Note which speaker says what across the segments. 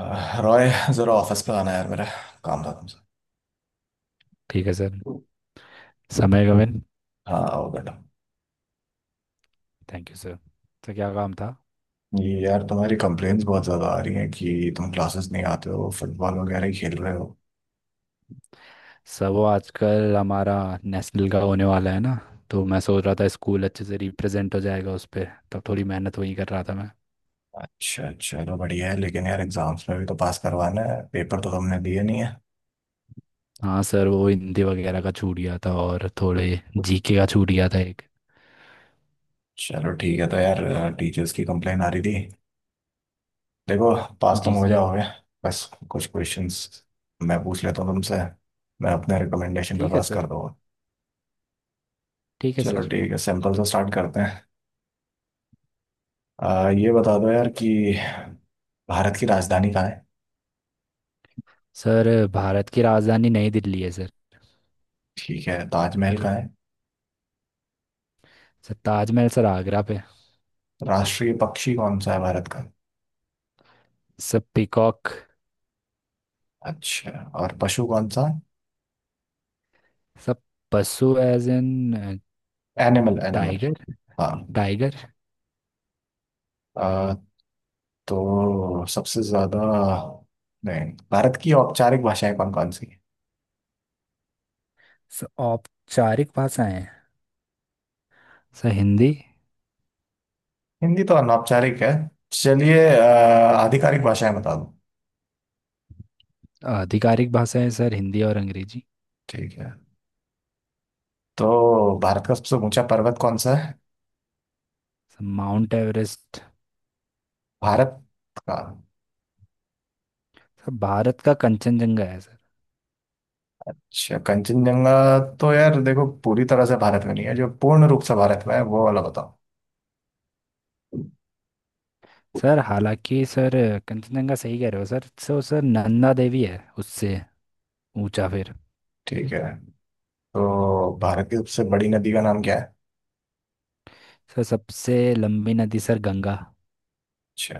Speaker 1: रॉय, जरा ऑफिस पे आना यार। मेरा काम था तुमसे।
Speaker 2: ठीक है सर। समय गगन।
Speaker 1: हाँ, आओ बेटा।
Speaker 2: Thank you sir. तो क्या काम था।
Speaker 1: ये यार, तुम्हारी कंप्लेन्स बहुत ज्यादा आ रही हैं कि तुम क्लासेस नहीं आते हो, फुटबॉल वगैरह ही खेल रहे हो।
Speaker 2: सर वो आजकल हमारा नेशनल का होने वाला है ना, तो मैं सोच रहा था स्कूल अच्छे से रिप्रेजेंट हो जाएगा उस पर, तब थोड़ी मेहनत वही कर रहा था मैं।
Speaker 1: अच्छा, चलो बढ़िया है। लेकिन यार एग्जाम्स में भी तो पास करवाना है, पेपर तो तुमने दिए नहीं है।
Speaker 2: हाँ सर, वो हिंदी वगैरह का छूट गया था और थोड़े जीके का छूट गया था एक।
Speaker 1: चलो ठीक है, तो यार टीचर्स की कंप्लेन आ रही थी। देखो, पास तुम
Speaker 2: जी
Speaker 1: हो
Speaker 2: सर।
Speaker 1: जाओगे। बस कुछ क्वेश्चंस मैं पूछ लेता हूँ तुमसे, मैं अपने रिकमेंडेशन पे
Speaker 2: ठीक है
Speaker 1: पास
Speaker 2: सर।
Speaker 1: कर दूंगा।
Speaker 2: ठीक है
Speaker 1: चलो
Speaker 2: सर।
Speaker 1: ठीक है, सिंपल से स्टार्ट करते हैं। ये बता दो यार कि भारत की राजधानी कहाँ है?
Speaker 2: सर भारत की राजधानी नई दिल्ली है सर।
Speaker 1: ठीक है, ताजमहल कहाँ है?
Speaker 2: सर ताजमहल सर आगरा पे।
Speaker 1: राष्ट्रीय पक्षी कौन सा है भारत का?
Speaker 2: सब पीकॉक।
Speaker 1: अच्छा, और पशु कौन सा?
Speaker 2: सब पशु as in.
Speaker 1: Animal, animal.
Speaker 2: Tiger.
Speaker 1: हाँ।
Speaker 2: टाइगर।
Speaker 1: आ, तो सबसे ज्यादा, नहीं, भारत की औपचारिक भाषाएं कौन कौन सी हैं?
Speaker 2: सर औपचारिक भाषाएं, सर हिंदी।
Speaker 1: हिंदी तो अनौपचारिक है। चलिए, आधिकारिक भाषाएं बता दो।
Speaker 2: आधिकारिक भाषाएं सर हिंदी और अंग्रेजी।
Speaker 1: ठीक है, तो भारत का सबसे ऊंचा पर्वत कौन सा है?
Speaker 2: Sir Mount Everest.
Speaker 1: भारत का।
Speaker 2: सर भारत का कंचनजंगा है सर।
Speaker 1: अच्छा, कंचनजंगा। तो यार देखो, पूरी तरह से भारत में नहीं है। जो पूर्ण रूप से भारत में है वो वाला बताओ।
Speaker 2: सर हालांकि सर कंचनजंगा सही कह रहे हो sir, so sir Nanda Devi है उससे ऊंचा फिर।
Speaker 1: ठीक है, तो भारत की सबसे बड़ी नदी का नाम क्या है?
Speaker 2: सर सबसे लंबी नदी सर गंगा।
Speaker 1: अच्छा।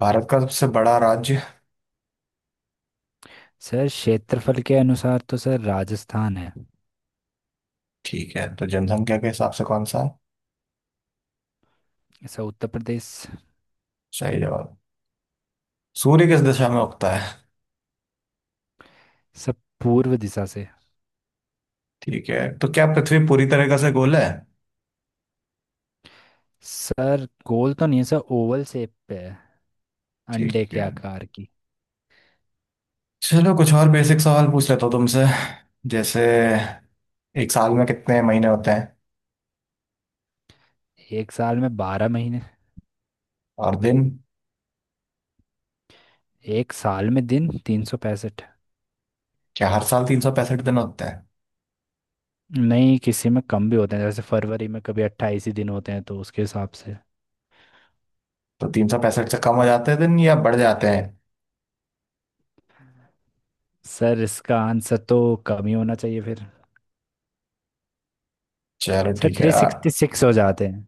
Speaker 1: भारत का सबसे बड़ा राज्य।
Speaker 2: सर क्षेत्रफल के अनुसार तो सर राजस्थान है।
Speaker 1: ठीक है, तो जनसंख्या के हिसाब से कौन सा है?
Speaker 2: सर उत्तर प्रदेश।
Speaker 1: सही जवाब। सूर्य किस दिशा में उगता है?
Speaker 2: सर पूर्व दिशा से।
Speaker 1: ठीक है, तो क्या पृथ्वी पूरी तरीके से गोल है?
Speaker 2: सर गोल तो नहीं है सर, ओवल शेप पे है।
Speaker 1: ठीक
Speaker 2: अंडे के
Speaker 1: है।
Speaker 2: आकार की।
Speaker 1: चलो कुछ और बेसिक सवाल पूछ लेता हूँ तुमसे। जैसे, एक साल में कितने महीने होते हैं?
Speaker 2: एक साल में 12 महीने।
Speaker 1: और दिन?
Speaker 2: एक साल में दिन 365।
Speaker 1: क्या हर साल 365 दिन होते हैं?
Speaker 2: नहीं, किसी में कम भी होते हैं, जैसे फरवरी में कभी 28 ही दिन होते हैं तो उसके हिसाब से।
Speaker 1: तो 365 से कम हो जाते हैं दिन या बढ़ जाते हैं?
Speaker 2: सर इसका आंसर तो कम ही होना चाहिए फिर।
Speaker 1: चलो
Speaker 2: सर
Speaker 1: ठीक है,
Speaker 2: थ्री सिक्सटी सिक्स हो जाते हैं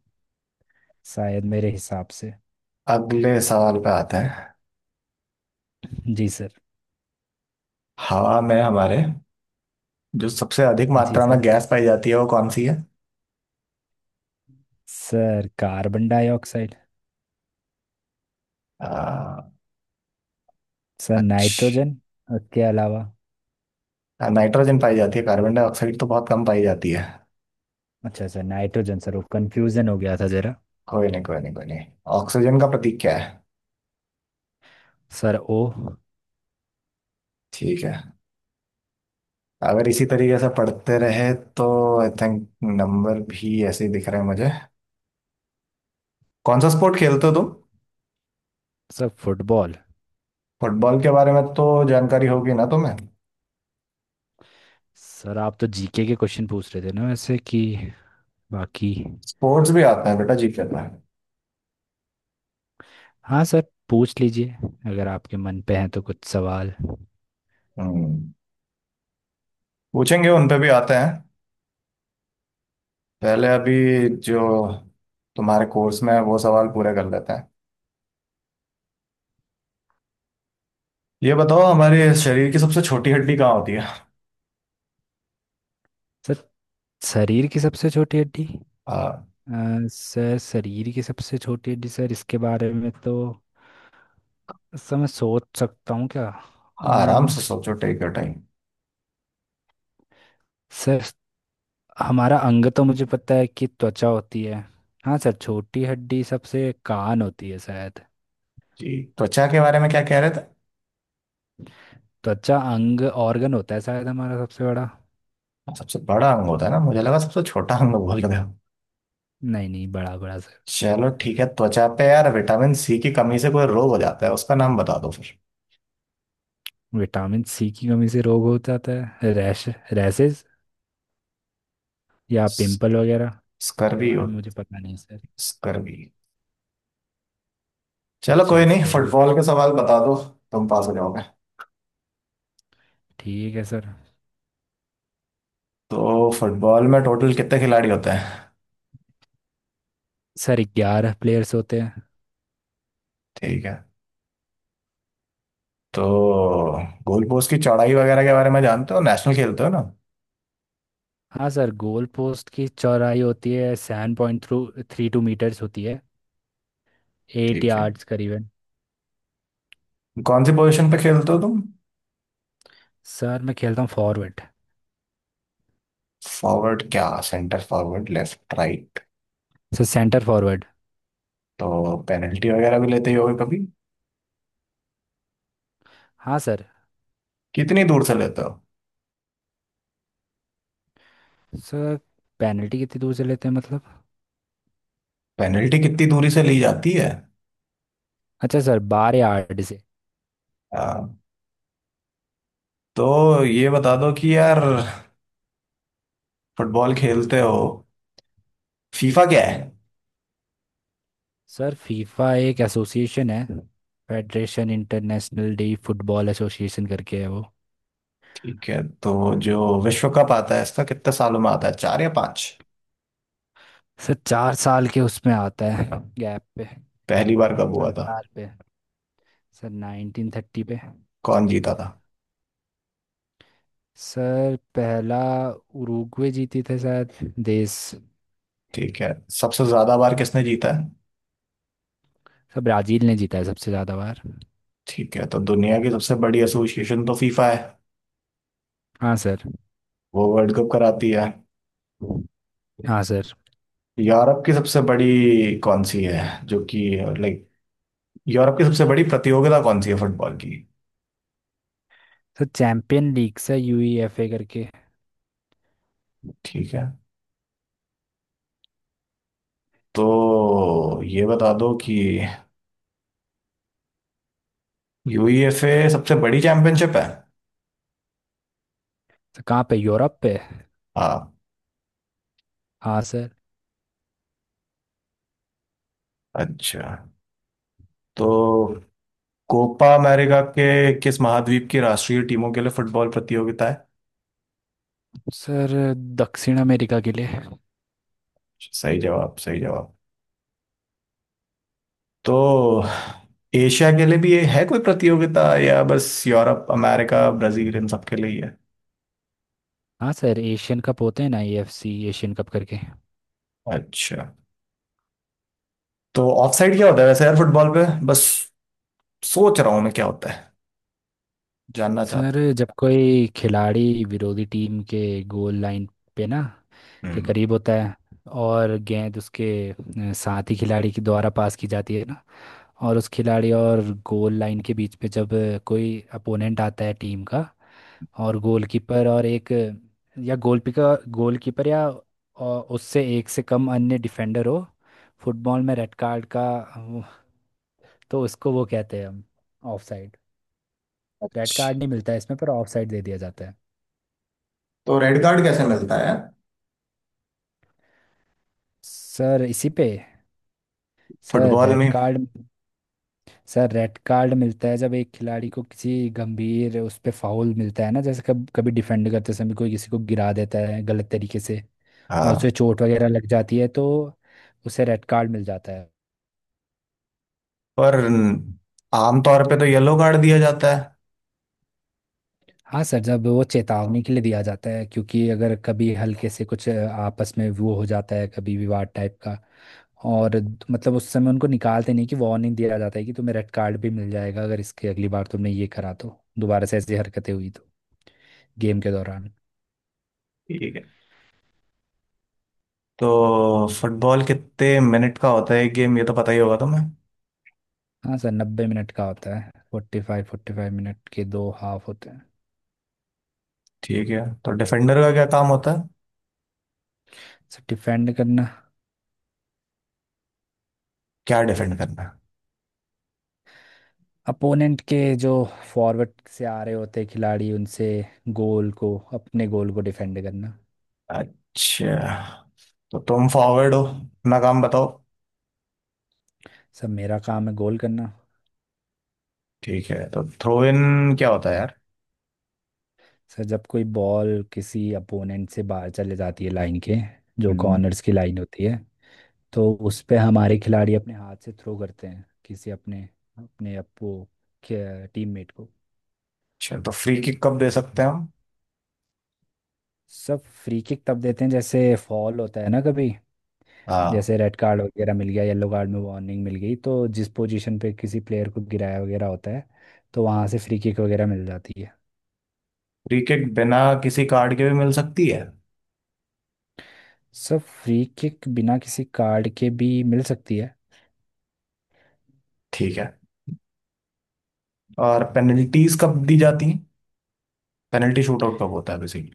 Speaker 2: शायद, मेरे हिसाब से।
Speaker 1: अगले सवाल पे आते हैं।
Speaker 2: जी सर।
Speaker 1: हवा में हमारे जो सबसे अधिक
Speaker 2: जी
Speaker 1: मात्रा
Speaker 2: सर।
Speaker 1: में गैस पाई जाती है वो कौन सी है?
Speaker 2: Sir carbon dioxide.
Speaker 1: आ,
Speaker 2: सर
Speaker 1: अच्छा।
Speaker 2: नाइट्रोजन। उसके अलावा।
Speaker 1: नाइट्रोजन पाई जाती है, कार्बन डाइऑक्साइड तो बहुत कम पाई जाती है।
Speaker 2: अच्छा सर नाइट्रोजन, सर वो कंफ्यूजन हो गया था जरा।
Speaker 1: कोई नहीं, कोई नहीं, कोई नहीं। ऑक्सीजन का प्रतीक क्या है?
Speaker 2: सर ओ।
Speaker 1: ठीक है। अगर इसी तरीके से पढ़ते रहे तो आई थिंक नंबर भी ऐसे ही दिख रहे हैं मुझे। कौन सा स्पोर्ट खेलते हो तुम?
Speaker 2: Sir football.
Speaker 1: फुटबॉल के बारे में तो जानकारी होगी ना तुम्हें?
Speaker 2: सर आप तो जीके के क्वेश्चन पूछ रहे थे ना वैसे कि, बाकी।
Speaker 1: स्पोर्ट्स भी आता है बेटा, जी कर रहा है।
Speaker 2: हाँ सर, पूछ लीजिए अगर आपके मन पे हैं तो कुछ सवाल।
Speaker 1: हम्म। पूछेंगे, उन पे भी आते हैं। पहले अभी जो तुम्हारे कोर्स में है वो सवाल पूरे कर लेते हैं। ये बताओ, हमारे शरीर की सबसे छोटी हड्डी कहाँ होती है?
Speaker 2: सर शरीर की सबसे छोटी हड्डी।
Speaker 1: आ,
Speaker 2: सर शरीर की सबसे छोटी हड्डी सर, इसके बारे में तो सर मैं सोच सकता हूँ क्या। अ,
Speaker 1: हाँ, आराम से सोचो, टेक योर टाइम।
Speaker 2: सर हमारा अंग तो मुझे पता है कि त्वचा होती है। हाँ सर, छोटी हड्डी सबसे कान होती है शायद।
Speaker 1: जी, त्वचा के बारे में क्या कह रहे थे?
Speaker 2: त्वचा अंग ऑर्गन होता है शायद हमारा सबसे बड़ा।
Speaker 1: सबसे बड़ा अंग होता है ना, मुझे लगा सबसे छोटा अंग बोल रहे हो।
Speaker 2: नहीं नहीं, बड़ा बड़ा सर।
Speaker 1: चलो ठीक है, त्वचा पे। यार विटामिन सी की कमी से कोई रोग हो जाता है, उसका नाम बता दो फिर।
Speaker 2: विटामिन सी की कमी से रोग हो जाता है, रैश, रैशेज या पिंपल वगैरह। इसके
Speaker 1: स्कर्वी
Speaker 2: बारे
Speaker 1: हो।
Speaker 2: में मुझे पता नहीं सर।
Speaker 1: स्कर्वी। चलो
Speaker 2: अच्छा
Speaker 1: कोई नहीं,
Speaker 2: स्कर भी।
Speaker 1: फुटबॉल के सवाल बता दो। तुम पास हो जाओगे।
Speaker 2: ठीक है सर।
Speaker 1: तो फुटबॉल में टोटल कितने खिलाड़ी होते हैं?
Speaker 2: सर 11 प्लेयर्स होते हैं।
Speaker 1: ठीक है। तो गोल पोस्ट की चौड़ाई वगैरह के बारे में जानते हो, नेशनल खेलते हो ना?
Speaker 2: हाँ सर, गोल पोस्ट की चौड़ाई होती है 7.32 मीटर्स होती है, एट
Speaker 1: ठीक है।
Speaker 2: यार्ड्स करीबन।
Speaker 1: कौन सी पोजीशन पे खेलते हो तुम?
Speaker 2: सर मैं खेलता हूँ फॉरवर्ड।
Speaker 1: फॉरवर्ड क्या, centre forward, left, right?
Speaker 2: Sir centre forward.
Speaker 1: तो पेनल्टी वगैरह भी लेते ही होगे कभी।
Speaker 2: हाँ सर।
Speaker 1: कितनी दूर से लेते हो?
Speaker 2: सर पेनल्टी कितनी दूर से लेते हैं मतलब।
Speaker 1: पेनल्टी कितनी दूरी से ली जाती है?
Speaker 2: अच्छा सर 12 यार्ड से।
Speaker 1: हाँ, तो ये बता दो कि यार, फुटबॉल खेलते हो, फीफा क्या है?
Speaker 2: सर फीफा एक एसोसिएशन है, federation international de football association करके है वो।
Speaker 1: ठीक है, तो जो विश्व कप आता है, इसका कितने सालों में आता है, चार या पांच?
Speaker 2: सर 4 साल के उसमें आता है, गैप पे,
Speaker 1: पहली बार कब हुआ था?
Speaker 2: अंतराल पे। सर 1930 पे।
Speaker 1: कौन जीता था?
Speaker 2: सर पहला उरुग्वे जीती थे शायद, देश।
Speaker 1: ठीक है। सबसे ज्यादा बार किसने जीता है?
Speaker 2: सर ब्राजील ने जीता है सबसे ज़्यादा बार।
Speaker 1: ठीक है, तो दुनिया की सबसे बड़ी एसोसिएशन तो फीफा है।
Speaker 2: हाँ सर।
Speaker 1: वो वर्ल्ड कप कराती है।
Speaker 2: हाँ सर।
Speaker 1: यूरोप की सबसे बड़ी कौन सी है जो कि, लाइक, यूरोप की सबसे बड़ी प्रतियोगिता कौन सी है फुटबॉल की?
Speaker 2: Sir champion league sir, UEFA करके।
Speaker 1: ठीक है, तो ये बता दो कि यूईएफए सबसे बड़ी चैंपियनशिप है?
Speaker 2: सर कहाँ पे, यूरोप पे?
Speaker 1: हाँ।
Speaker 2: हाँ सर।
Speaker 1: अच्छा, तो कोपा अमेरिका के किस महाद्वीप की राष्ट्रीय टीमों के लिए फुटबॉल प्रतियोगिता है?
Speaker 2: सर दक्षिण अमेरिका के लिए।
Speaker 1: सही जवाब, सही जवाब। तो एशिया के लिए भी ये है कोई प्रतियोगिता, या बस यूरोप, अमेरिका, ब्राजील, इन सब के लिए ही है?
Speaker 2: हाँ सर, एशियन कप होते हैं ना एएफसी एशियन कप करके।
Speaker 1: अच्छा, तो ऑफसाइड क्या होता है वैसे यार, फुटबॉल पे बस सोच रहा हूँ मैं, क्या होता है, जानना
Speaker 2: सर
Speaker 1: चाहता
Speaker 2: जब कोई खिलाड़ी विरोधी टीम के गोल लाइन पे ना
Speaker 1: हूँ।
Speaker 2: के
Speaker 1: हम्म।
Speaker 2: करीब होता है, और गेंद उसके साथी खिलाड़ी के द्वारा पास की जाती है ना, और उस खिलाड़ी और गोल लाइन के बीच पे जब कोई अपोनेंट आता है टीम का, और गोलकीपर और एक या गोलकीपर गोलकीपर या अ, उससे एक से कम अन्य डिफेंडर हो। फुटबॉल में रेड कार्ड का अ, वो- तो उसको वो कहते हैं हम ऑफ साइड। रेड कार्ड
Speaker 1: अच्छा,
Speaker 2: नहीं मिलता है इसमें, पर ऑफ साइड दे दिया जाता है।
Speaker 1: तो रेड कार्ड कैसे मिलता है
Speaker 2: सर इसी पे। सर
Speaker 1: फुटबॉल
Speaker 2: रेड
Speaker 1: में?
Speaker 2: कार्ड। सर रेड कार्ड मिलता है जब एक खिलाड़ी को किसी गंभीर उस पे फाउल मिलता है ना, जैसे कब कभी डिफेंड करते समय कोई किसी को गिरा देता है गलत तरीके से, और उसे
Speaker 1: हाँ,
Speaker 2: चोट वगैरह लग जाती है, तो उसे रेड कार्ड मिल जाता है।
Speaker 1: पर आमतौर पे तो येलो कार्ड दिया जाता है।
Speaker 2: हाँ सर, जब वो चेतावनी के लिए दिया जाता है क्योंकि अगर कभी हल्के से कुछ आपस में वो हो जाता है कभी विवाद टाइप का, और मतलब उस समय उनको निकालते नहीं कि वार्निंग दिया जाता है कि तुम्हें रेड कार्ड भी मिल जाएगा अगर इसके अगली बार तुमने ये करा तो, दोबारा से ऐसी हरकतें हुई तो, गेम के दौरान।
Speaker 1: ठीक है। तो फुटबॉल कितने मिनट का होता है एक गेम, ये तो पता ही होगा तुम्हें?
Speaker 2: हाँ सर, 90 मिनट का होता है, 45-45 मिनट के 2 हाफ होते हैं।
Speaker 1: ठीक है, तो डिफेंडर का क्या काम होता है?
Speaker 2: सर डिफेंड करना।
Speaker 1: क्या डिफेंड करना
Speaker 2: अपोनेंट के जो फॉरवर्ड से आ रहे होते हैं खिलाड़ी, उनसे गोल को, अपने गोल को डिफेंड करना।
Speaker 1: है? अच्छा, तो तुम फॉरवर्ड हो, अपना काम बताओ।
Speaker 2: सर मेरा काम है गोल करना।
Speaker 1: ठीक है, तो थ्रो इन क्या होता है यार?
Speaker 2: सर जब कोई बॉल किसी अपोनेंट से बाहर चले जाती है लाइन के, जो
Speaker 1: हम्म।
Speaker 2: कॉर्नर्स की लाइन होती है, तो उस पे हमारे खिलाड़ी अपने हाथ से थ्रो करते हैं किसी अपने, अपने अपो टीममेट को।
Speaker 1: अच्छा, तो फ्री किक कब दे सकते हैं हम?
Speaker 2: सब फ्री किक तब देते हैं जैसे फॉल होता है ना कभी,
Speaker 1: हाँ।
Speaker 2: जैसे रेड कार्ड वगैरह मिल गया, येलो कार्ड में वार्निंग मिल गई, तो जिस पोजीशन पे किसी प्लेयर को गिराया वगैरह होता है तो वहां से फ्री किक वगैरह मिल जाती है।
Speaker 1: फ्री किक बिना किसी कार्ड के भी मिल सकती है?
Speaker 2: सब फ्री किक बिना किसी कार्ड के भी मिल सकती है।
Speaker 1: ठीक है। और पेनल्टीज कब दी जाती हैं? पेनल्टी शूट आउट कब होता है बेसिकली?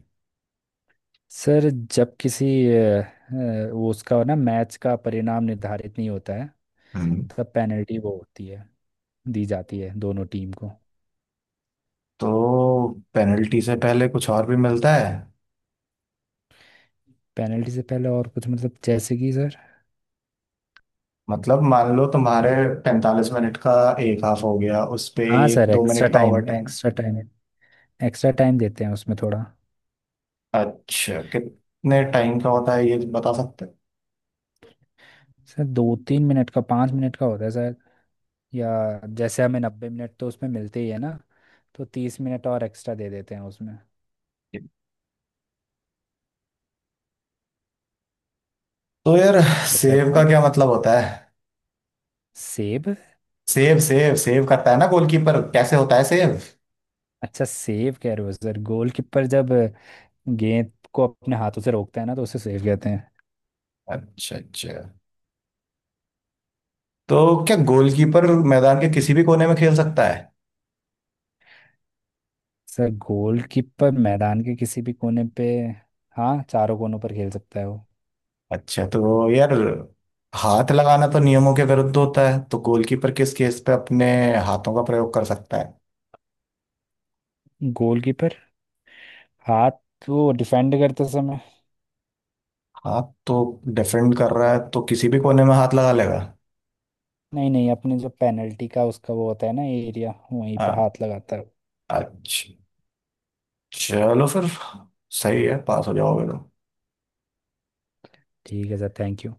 Speaker 2: सर जब किसी वो उसका ना मैच का परिणाम निर्धारित नहीं होता है,
Speaker 1: हम्म।
Speaker 2: तब पेनल्टी वो होती है, दी जाती है दोनों टीम को।
Speaker 1: तो पेनल्टी से पहले कुछ और भी मिलता है?
Speaker 2: पेनल्टी से पहले और कुछ मतलब जैसे कि सर।
Speaker 1: मतलब मान लो तुम्हारे 45 मिनट का एक हाफ हो गया, उस पे
Speaker 2: हाँ
Speaker 1: एक
Speaker 2: सर,
Speaker 1: दो
Speaker 2: एक्स्ट्रा
Speaker 1: मिनट का over
Speaker 2: time,
Speaker 1: time.
Speaker 2: Extra time extra time देते हैं उसमें थोड़ा।
Speaker 1: अच्छा, कितने टाइम का होता है, ये बता सकते हो?
Speaker 2: सर 2-3 मिनट का, 5 मिनट का होता है सर, या जैसे हमें 90 मिनट तो उसमें मिलते ही है ना, तो 30 मिनट और एक्स्ट्रा दे देते हैं उसमें।
Speaker 1: तो यार,
Speaker 2: अच्छा
Speaker 1: सेव का
Speaker 2: 30।
Speaker 1: क्या मतलब होता है?
Speaker 2: सेव।
Speaker 1: सेव, सेव, सेव करता है ना गोलकीपर, कैसे होता है सेव?
Speaker 2: अच्छा सेव कह रहे हो सर, गोलकीपर जब गेंद को अपने हाथों से रोकता है ना, तो उसे सेव कहते हैं।
Speaker 1: अच्छा, अच्छा। तो क्या गोलकीपर मैदान के किसी भी कोने में खेल सकता है?
Speaker 2: सर गोलकीपर मैदान के किसी भी कोने पे, हाँ, चारों कोनों पर खेल सकता है वो।
Speaker 1: अच्छा, तो यार हाथ लगाना तो नियमों के विरुद्ध होता है, तो गोलकीपर किस केस पे अपने हाथों का प्रयोग कर सकता है?
Speaker 2: गोलकीपर हाथ वो डिफेंड करते समय।
Speaker 1: हाथ तो? डिफेंड कर रहा है तो किसी भी कोने में हाथ लगा लेगा?
Speaker 2: नहीं नहीं, अपने जो पेनल्टी का उसका वो होता है ना एरिया, वहीं पे
Speaker 1: हाँ।
Speaker 2: हाथ लगाता है।
Speaker 1: अच्छा, चलो फिर। सही है, पास हो जाओगे तो।
Speaker 2: ठीक है सर, थैंक यू।